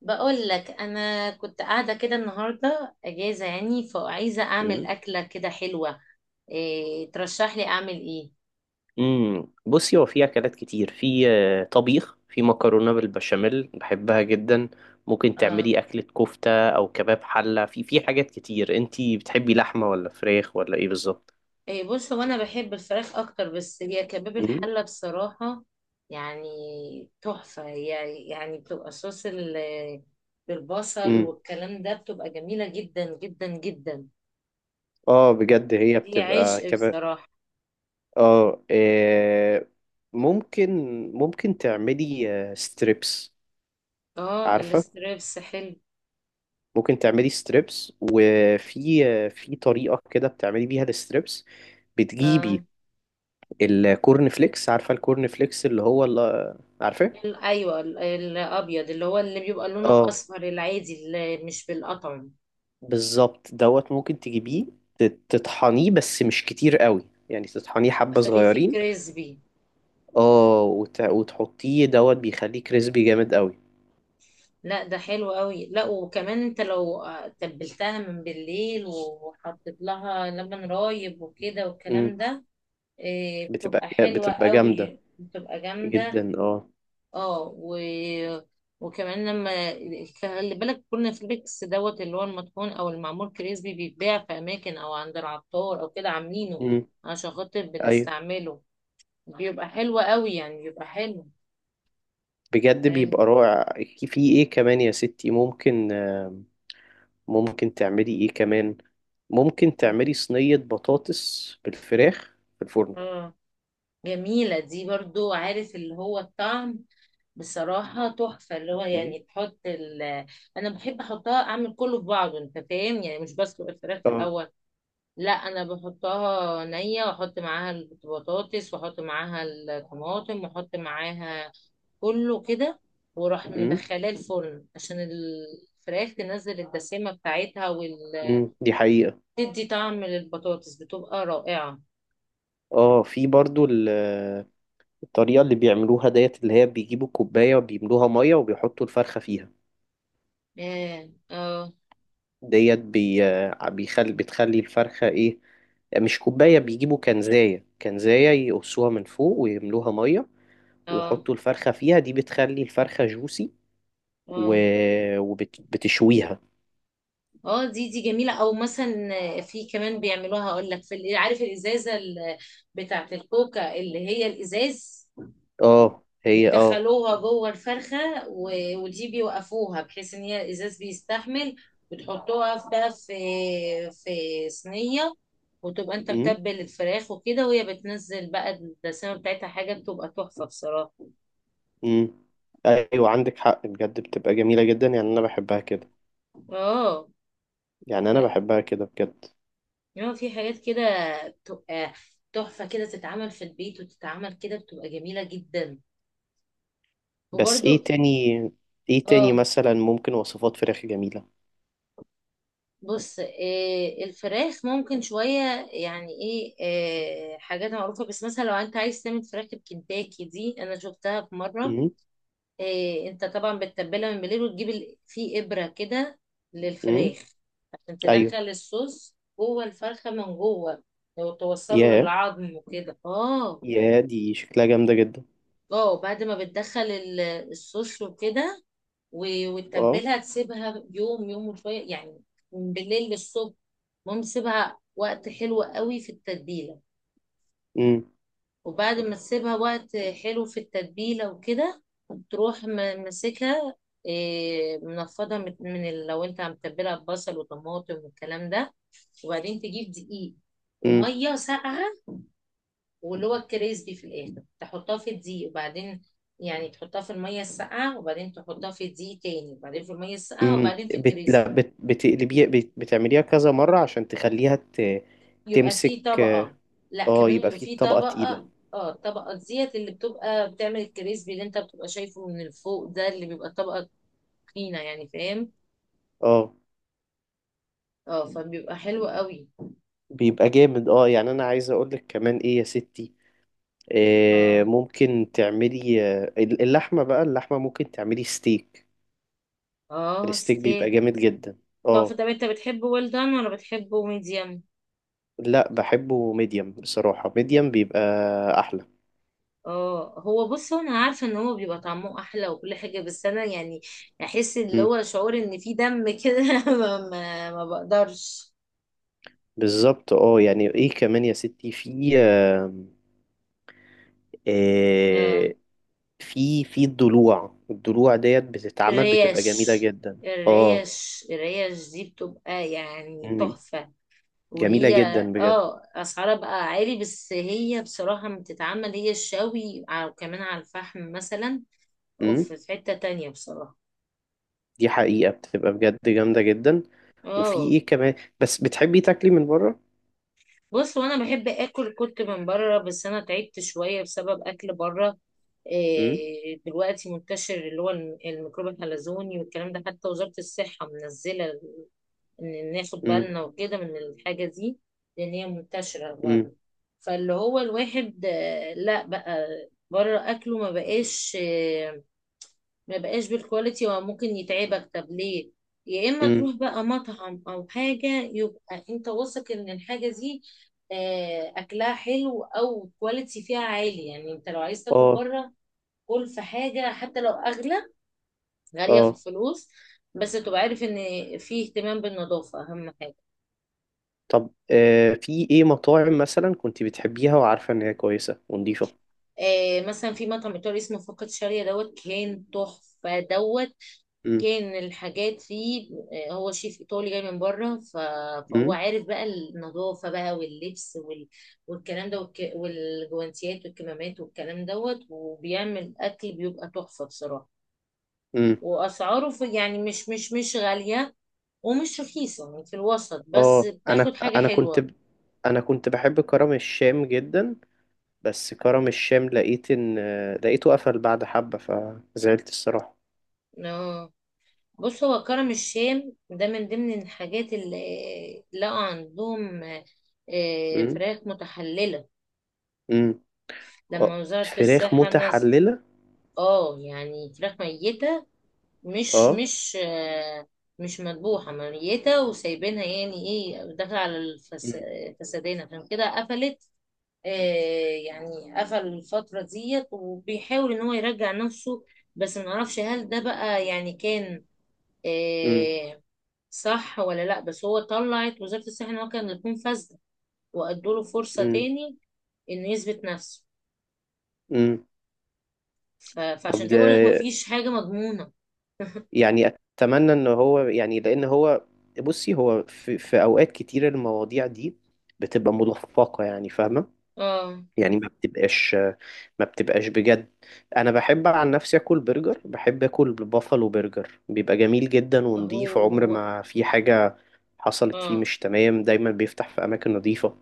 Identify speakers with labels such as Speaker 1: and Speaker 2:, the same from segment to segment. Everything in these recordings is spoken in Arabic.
Speaker 1: بقول لك انا كنت قاعده كده، النهارده اجازه، يعني فعايزه اعمل
Speaker 2: مم.
Speaker 1: اكله كده حلوه. إيه ترشح لي اعمل ايه؟
Speaker 2: مم. بصي هو في اكلات كتير في آه، طبيخ. في مكرونه بالبشاميل بحبها جدا. ممكن
Speaker 1: اه.
Speaker 2: تعملي اكله كفته او كباب حله. في حاجات كتير. انتي بتحبي لحمه ولا فراخ ولا ايه بالظبط؟
Speaker 1: إيه، بص هو انا بحب الفراخ اكتر، بس هي كباب
Speaker 2: مم.
Speaker 1: الحله بصراحه، يعني تحفه هي. يعني بتبقى صوص بالبصل
Speaker 2: مم.
Speaker 1: والكلام ده بتبقى جميله جدا جدا جدا.
Speaker 2: اه، بجد هي
Speaker 1: دي
Speaker 2: بتبقى
Speaker 1: عشق
Speaker 2: كباب.
Speaker 1: بصراحه.
Speaker 2: اه، ممكن ممكن تعملي ستريبس.
Speaker 1: اه،
Speaker 2: عارفه،
Speaker 1: الستريبس حلو.
Speaker 2: ممكن تعملي ستريبس. وفي آه، في طريقه كده بتعملي بيها الستريبس.
Speaker 1: اه،
Speaker 2: بتجيبي الكورن فليكس، عارفة الكورن فليكس اللي عارفاه؟
Speaker 1: ايوه الابيض، اللي هو اللي بيبقى لونه
Speaker 2: اه،
Speaker 1: اصفر العادي اللي مش بالقطن.
Speaker 2: بالظبط. دوت ممكن تجيبيه، تطحنيه بس مش كتير قوي. يعني تطحنيه حبة
Speaker 1: اخليه فيه
Speaker 2: صغيرين.
Speaker 1: كريسبي.
Speaker 2: اه، وتحطيه دوت بيخليه كريسبي جامد قوي.
Speaker 1: لا، ده حلو قوي. لا، وكمان انت لو تبلتها من بالليل، وحطيت لها لبن رايب وكده
Speaker 2: امم.
Speaker 1: والكلام ده. إيه،
Speaker 2: بتبقى
Speaker 1: بتبقى حلوة
Speaker 2: بتبقى جامدة
Speaker 1: قوي، بتبقى جامدة.
Speaker 2: جدا، اه.
Speaker 1: اه. وكمان لما، خلي بالك كورنفليكس دوت، اللي هو المطحون او المعمول كريسبي، بيتباع في اماكن او عند العطار او كده عاملينه
Speaker 2: امم.
Speaker 1: عشان خاطر
Speaker 2: ايوه،
Speaker 1: بنستعمله. بيبقى حلوة قوي، يعني بيبقى حلو.
Speaker 2: بجد
Speaker 1: فاهم.
Speaker 2: بيبقى رائع. في ايه كمان يا ستي؟ ممكن تعملي ايه كمان؟ ممكن تعملي صينية بطاطس بالفراخ في الفرن.
Speaker 1: اه. جميلة دي برضو، عارف اللي هو الطعم بصراحة تحفة، اللي هو
Speaker 2: مم.
Speaker 1: يعني تحط أنا بحب أحطها، أعمل كله في بعضه. أنت فاهم، يعني مش بسلق الفراخ في
Speaker 2: اه،
Speaker 1: الأول. لا، أنا بحطها نية، وأحط معاها البطاطس، وأحط معاها الطماطم، وأحط معاها كله كده. وأروح
Speaker 2: امم
Speaker 1: مدخلاه الفرن عشان الفراخ تنزل الدسامة بتاعتها، وتدي وال
Speaker 2: دي حقيقة.
Speaker 1: تدي طعم للبطاطس، بتبقى رائعة.
Speaker 2: اه، في برضو الطريقة اللي بيعملوها ديت، اللي هي بيجيبوا كوباية وبيملوها مية وبيحطوا الفرخة فيها.
Speaker 1: اه. اه.
Speaker 2: ديت بتخلي الفرخة ايه، مش كوباية. بيجيبوا كنزاية، يقصوها من فوق ويملوها مية
Speaker 1: اه.
Speaker 2: ويحطوا الفرخة فيها. دي بتخلي الفرخة جوسي و...
Speaker 1: اه.
Speaker 2: وبتشويها.
Speaker 1: اه. دي جميلة، او مثلا في كمان بيعملوها. اقول لك في عارف الازازة بتاعة الكوكا، اللي هي الازاز،
Speaker 2: اه، هي، اه.
Speaker 1: بيدخلوها جوه الفرخة. ودي بيوقفوها بحيث ان هي الازاز بيستحمل، بتحطوها بقى في صينية، وتبقى انت
Speaker 2: امم،
Speaker 1: متبل الفراخ وكده، وهي بتنزل بقى الدسامة بتاعتها. حاجة بتبقى تحفة بصراحة.
Speaker 2: امم. ايوه، عندك حق بجد، بتبقى جميلة جدا. يعني انا بحبها كده،
Speaker 1: اه،
Speaker 2: يعني انا بحبها كده بجد.
Speaker 1: يعني في حاجات كده بتبقى تحفة، كده تتعمل في البيت وتتعمل كده، بتبقى جميلة جدا.
Speaker 2: بس
Speaker 1: وبرضو.
Speaker 2: ايه تاني
Speaker 1: اه.
Speaker 2: مثلا، ممكن وصفات فراخ جميلة.
Speaker 1: بص، إيه، الفراخ ممكن شوية، يعني ايه، إيه، حاجات معروفة. بس مثلا لو انت عايز تعمل فراخ الكنتاكي، دي انا شفتها في مرة.
Speaker 2: امم،
Speaker 1: إيه، انت طبعا بتتبلها من بالليل، وتجيب في ابرة كده
Speaker 2: امم.
Speaker 1: للفراخ عشان
Speaker 2: ايوه.
Speaker 1: تدخل الصوص جوه الفرخة من جوه، وتوصله
Speaker 2: ياه،
Speaker 1: للعظم وكده. اه.
Speaker 2: ياه دي شكلها جامدة جدا.
Speaker 1: اه، بعد ما بتدخل الصوص وكده،
Speaker 2: اه،
Speaker 1: وتتبلها، تسيبها يوم يوم وشوية، يعني من بالليل للصبح. المهم تسيبها وقت حلو قوي في التتبيلة.
Speaker 2: امم،
Speaker 1: وبعد ما تسيبها وقت حلو في التتبيلة وكده، تروح م- ماسكها، إيه، منفضة من لو انت متبلها ببصل وطماطم والكلام ده. وبعدين تجيب دقيق،
Speaker 2: امم،
Speaker 1: ومية ساقعة، واللي هو الكريسبي في الاخر. تحطها في الدقيق، وبعدين يعني تحطها في الميه الساقعه، وبعدين تحطها في الدقيق تاني، وبعدين في الميه الساقعه،
Speaker 2: امم.
Speaker 1: وبعدين في الكريسبي.
Speaker 2: لا، بتقلبيها، بتعمليها كذا مرة عشان تخليها
Speaker 1: يبقى
Speaker 2: تمسك،
Speaker 1: في
Speaker 2: اه.
Speaker 1: طبقه. لا، كمان
Speaker 2: يبقى
Speaker 1: يبقى
Speaker 2: في
Speaker 1: في
Speaker 2: طبقة تقيلة.
Speaker 1: طبقه. اه، الطبقه ديت اللي بتبقى بتعمل الكريسبي، اللي انت بتبقى شايفه من الفوق ده، اللي بيبقى طبقه تخينه، يعني فاهم.
Speaker 2: اه،
Speaker 1: اه، فبيبقى حلو قوي.
Speaker 2: بيبقى جامد، اه. يعني انا عايز اقولك كمان ايه يا ستي.
Speaker 1: اه.
Speaker 2: ممكن تعملي اللحمة. بقى اللحمة ممكن تعملي ستيك.
Speaker 1: اه،
Speaker 2: الستيك بيبقى
Speaker 1: ستيك.
Speaker 2: جامد جدا،
Speaker 1: طب
Speaker 2: اه.
Speaker 1: طب انت بتحبه ويل دان، ولا بتحبه ميديم؟
Speaker 2: لا، بحبه ميديم. بصراحة ميديم بيبقى أحلى.
Speaker 1: اه، هو بص، هو انا عارفه ان هو بيبقى طعمه احلى وكل حاجه، بس انا يعني احس اللي
Speaker 2: مم.
Speaker 1: هو شعور ان في دم كده ما بقدرش.
Speaker 2: بالظبط، اه. يعني ايه كمان يا ستي؟ في آم،
Speaker 1: آه.
Speaker 2: آه، في في الضلوع. الضلوع ديت بتتعمل بتبقى
Speaker 1: الريش
Speaker 2: جميلة جدا، اه.
Speaker 1: الريش دي بتبقى يعني
Speaker 2: مم.
Speaker 1: تحفه.
Speaker 2: جميلة
Speaker 1: وهي.
Speaker 2: جدا بجد.
Speaker 1: اه، اسعارها بقى عالي، بس هي بصراحه لما بتتعمل، هي الشوي، وكمان على الفحم مثلا، اوف،
Speaker 2: مم.
Speaker 1: في حته تانية بصراحه.
Speaker 2: دي حقيقة، بتبقى بجد جامدة جدا. وفي
Speaker 1: اه،
Speaker 2: ايه كمان؟ بس بتحبي تاكلي من بره؟
Speaker 1: بص، وانا بحب اكل كنت من بره، بس انا تعبت شويه بسبب اكل بره.
Speaker 2: مم.
Speaker 1: إيه، دلوقتي منتشر اللي هو الميكروب الحلزوني والكلام ده، حتى وزاره الصحه منزله ان ناخد
Speaker 2: مم.
Speaker 1: بالنا وكده من الحاجه دي، لان هي منتشره
Speaker 2: مم.
Speaker 1: بره. فاللي هو الواحد، لا بقى، بره اكله ما بقاش، ما بقاش بالكواليتي، وممكن يتعبك. طب ليه، يا اما
Speaker 2: مم.
Speaker 1: تروح بقى مطعم او حاجه، يبقى انت واثق ان الحاجه دي اكلها حلو، او كواليتي فيها عالي. يعني انت لو عايز تاكل
Speaker 2: اه،
Speaker 1: بره، كل في حاجه حتى لو اغلى، غاليه في
Speaker 2: اه.
Speaker 1: الفلوس، بس تبقى عارف ان في اهتمام بالنظافه، اهم حاجه.
Speaker 2: طب في ايه مطاعم مثلا كنت بتحبيها وعارفة ان هي كويسة ونضيفة؟
Speaker 1: مثلا في مطعم ايطالي اسمه فقط شاريه دوت، كان تحفه دوت.
Speaker 2: امم،
Speaker 1: كان الحاجات فيه، هو شيف ايطالي جاي من بره، فهو
Speaker 2: امم،
Speaker 1: عارف بقى النظافه بقى، واللبس والكلام ده، والجوانتيات والكمامات والكلام دوت، وبيعمل اكل بيبقى تحفه بصراحه.
Speaker 2: امم.
Speaker 1: واسعاره، في، يعني مش غاليه، ومش رخيصه، يعني في الوسط، بس
Speaker 2: اه، انا
Speaker 1: بتاخد حاجه
Speaker 2: انا كنت
Speaker 1: حلوه.
Speaker 2: ب... انا كنت بحب كرم الشام جدا. بس كرم الشام لقيته قفل بعد حبة، فزعلت الصراحة.
Speaker 1: آه. بص، هو كرم الشام ده من ضمن الحاجات اللي لقوا عندهم،
Speaker 2: امم،
Speaker 1: فراخ متحلله.
Speaker 2: امم.
Speaker 1: لما
Speaker 2: اه،
Speaker 1: وزارة
Speaker 2: فراخ
Speaker 1: الصحة،
Speaker 2: متحللة.
Speaker 1: اه، يعني فراخ ميتة، مش
Speaker 2: اه
Speaker 1: مش آه، مش مذبوحة، ميتة وسايبينها. يعني ايه؟ داخلة على
Speaker 2: امم،
Speaker 1: فسادين، عشان كده قفلت. آه. يعني قفل الفترة ديت، وبيحاول ان هو يرجع نفسه، بس ما نعرفش هل ده بقى، يعني كان
Speaker 2: امم،
Speaker 1: آه، صح ولا لا. بس هو طلعت وزارة الصحة ان هو كان يكون فاسدة، وادوا له فرصة
Speaker 2: امم،
Speaker 1: تاني انه يثبت نفسه.
Speaker 2: امم. طب
Speaker 1: فعشان كده
Speaker 2: ده،
Speaker 1: بقول لك مفيش حاجة مضمونة.
Speaker 2: يعني اتمنى ان هو، يعني لان هو، بصي هو في اوقات كتير المواضيع دي بتبقى ملفقة، يعني فاهمة.
Speaker 1: اه.
Speaker 2: يعني ما بتبقاش بجد. انا بحب عن نفسي اكل برجر، بحب اكل بافالو برجر، بيبقى جميل جدا ونضيف. عمر
Speaker 1: هو.
Speaker 2: ما في حاجة حصلت فيه
Speaker 1: اه.
Speaker 2: مش تمام. دايما بيفتح في اماكن نظيفة.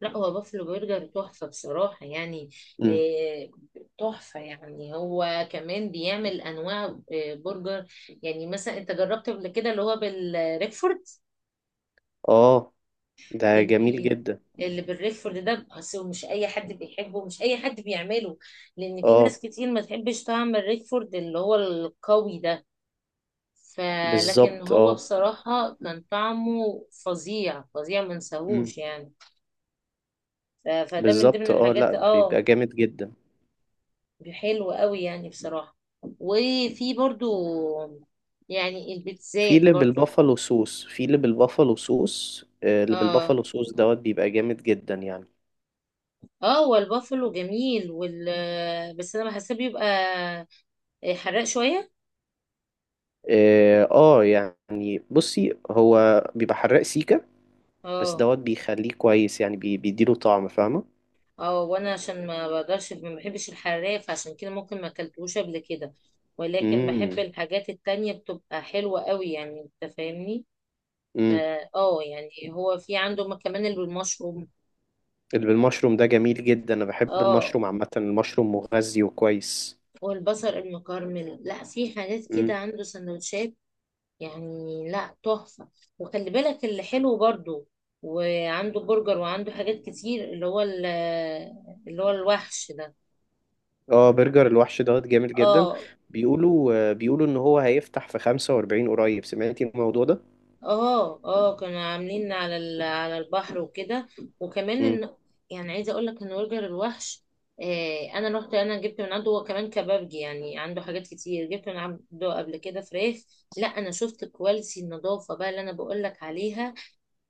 Speaker 1: لا، هو بافلو برجر تحفة بصراحة، يعني
Speaker 2: امم،
Speaker 1: آه، تحفة. يعني هو كمان بيعمل أنواع برجر. يعني مثلا أنت جربت قبل كده اللي هو بالريكفورد.
Speaker 2: اه، ده جميل
Speaker 1: جميل.
Speaker 2: جدا.
Speaker 1: اللي بالريكفورد ده أصل مش أي حد بيحبه، مش أي حد بيعمله، لأن في ناس
Speaker 2: اه،
Speaker 1: كتير ما تحبش طعم الريكفورد اللي هو القوي ده. فلكن
Speaker 2: بالظبط،
Speaker 1: هو
Speaker 2: اه.
Speaker 1: بصراحة كان طعمه فظيع فظيع، ما
Speaker 2: امم.
Speaker 1: نساهوش يعني. فده من ضمن
Speaker 2: بالظبط، اه. لا،
Speaker 1: الحاجات. اه،
Speaker 2: بيبقى جامد جدا.
Speaker 1: حلو قوي يعني بصراحة. وفي برضو، يعني البيتزات برضو.
Speaker 2: في اللي بالبافالو صوص آه، اللي
Speaker 1: اه.
Speaker 2: بالبافالو صوص دوت بيبقى جامد جدا يعني.
Speaker 1: اه، هو البافلو جميل بس انا بحسه بيبقى حراق شوية.
Speaker 2: اه، يعني بصي هو بيبقى حراق سيكا. بس
Speaker 1: اه.
Speaker 2: دوت بيخليه كويس، يعني بيديله طعم، فاهمة؟
Speaker 1: اه، وانا عشان ما بقدرش، ما بحبش الحراق، فعشان كده ممكن ما اكلتوش قبل كده. ولكن بحب
Speaker 2: امم،
Speaker 1: الحاجات التانية بتبقى حلوة قوي. يعني انت فاهمني. ب-
Speaker 2: امم.
Speaker 1: اه، يعني هو في عنده كمان المشروم.
Speaker 2: اللي بالمشروم ده جميل جدا. انا بحب
Speaker 1: اه،
Speaker 2: المشروم عامة، المشروم مغذي وكويس.
Speaker 1: والبصل المكرمل، لا، في حاجات كده
Speaker 2: امم.
Speaker 1: عنده سندوتشات، يعني لا، تحفة. وخلي بالك اللي حلو برضو، وعنده برجر، وعنده حاجات كتير، اللي هو اللي هو الوحش ده.
Speaker 2: اه، برجر الوحش دوت جامد جدا.
Speaker 1: اه.
Speaker 2: بيقولوا ان هو هيفتح في 45 قريب، سمعتي الموضوع ده؟
Speaker 1: اه. اه، كانوا عاملين على على البحر وكده. وكمان
Speaker 2: امم،
Speaker 1: ان، يعني عايزه اقول لك ان برجر الوحش، آه، انا رحت، انا جبت من عنده. هو كمان كبابجي، يعني عنده حاجات كتير. جبت من عنده قبل كده فراخ، لا، انا شفت كواليتي النظافه بقى، اللي انا بقول لك عليها،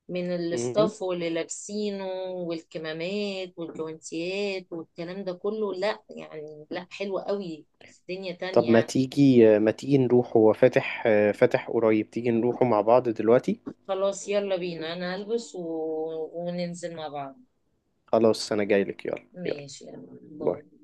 Speaker 1: من
Speaker 2: امم.
Speaker 1: الاستاف واللي لابسينه، والكمامات والجوانتيات والكلام ده كله. لا، يعني لا، حلو قوي، في دنيا تانية
Speaker 2: طب
Speaker 1: يعني.
Speaker 2: ما تيجي نروح، هو فاتح، فاتح قريب، تيجي نروحه مع بعض دلوقتي؟
Speaker 1: خلاص، يلا بينا، انا هلبس وننزل مع بعض.
Speaker 2: خلاص، انا جايلك، يلا يلا،
Speaker 1: ماشي، يلا، باي.
Speaker 2: باي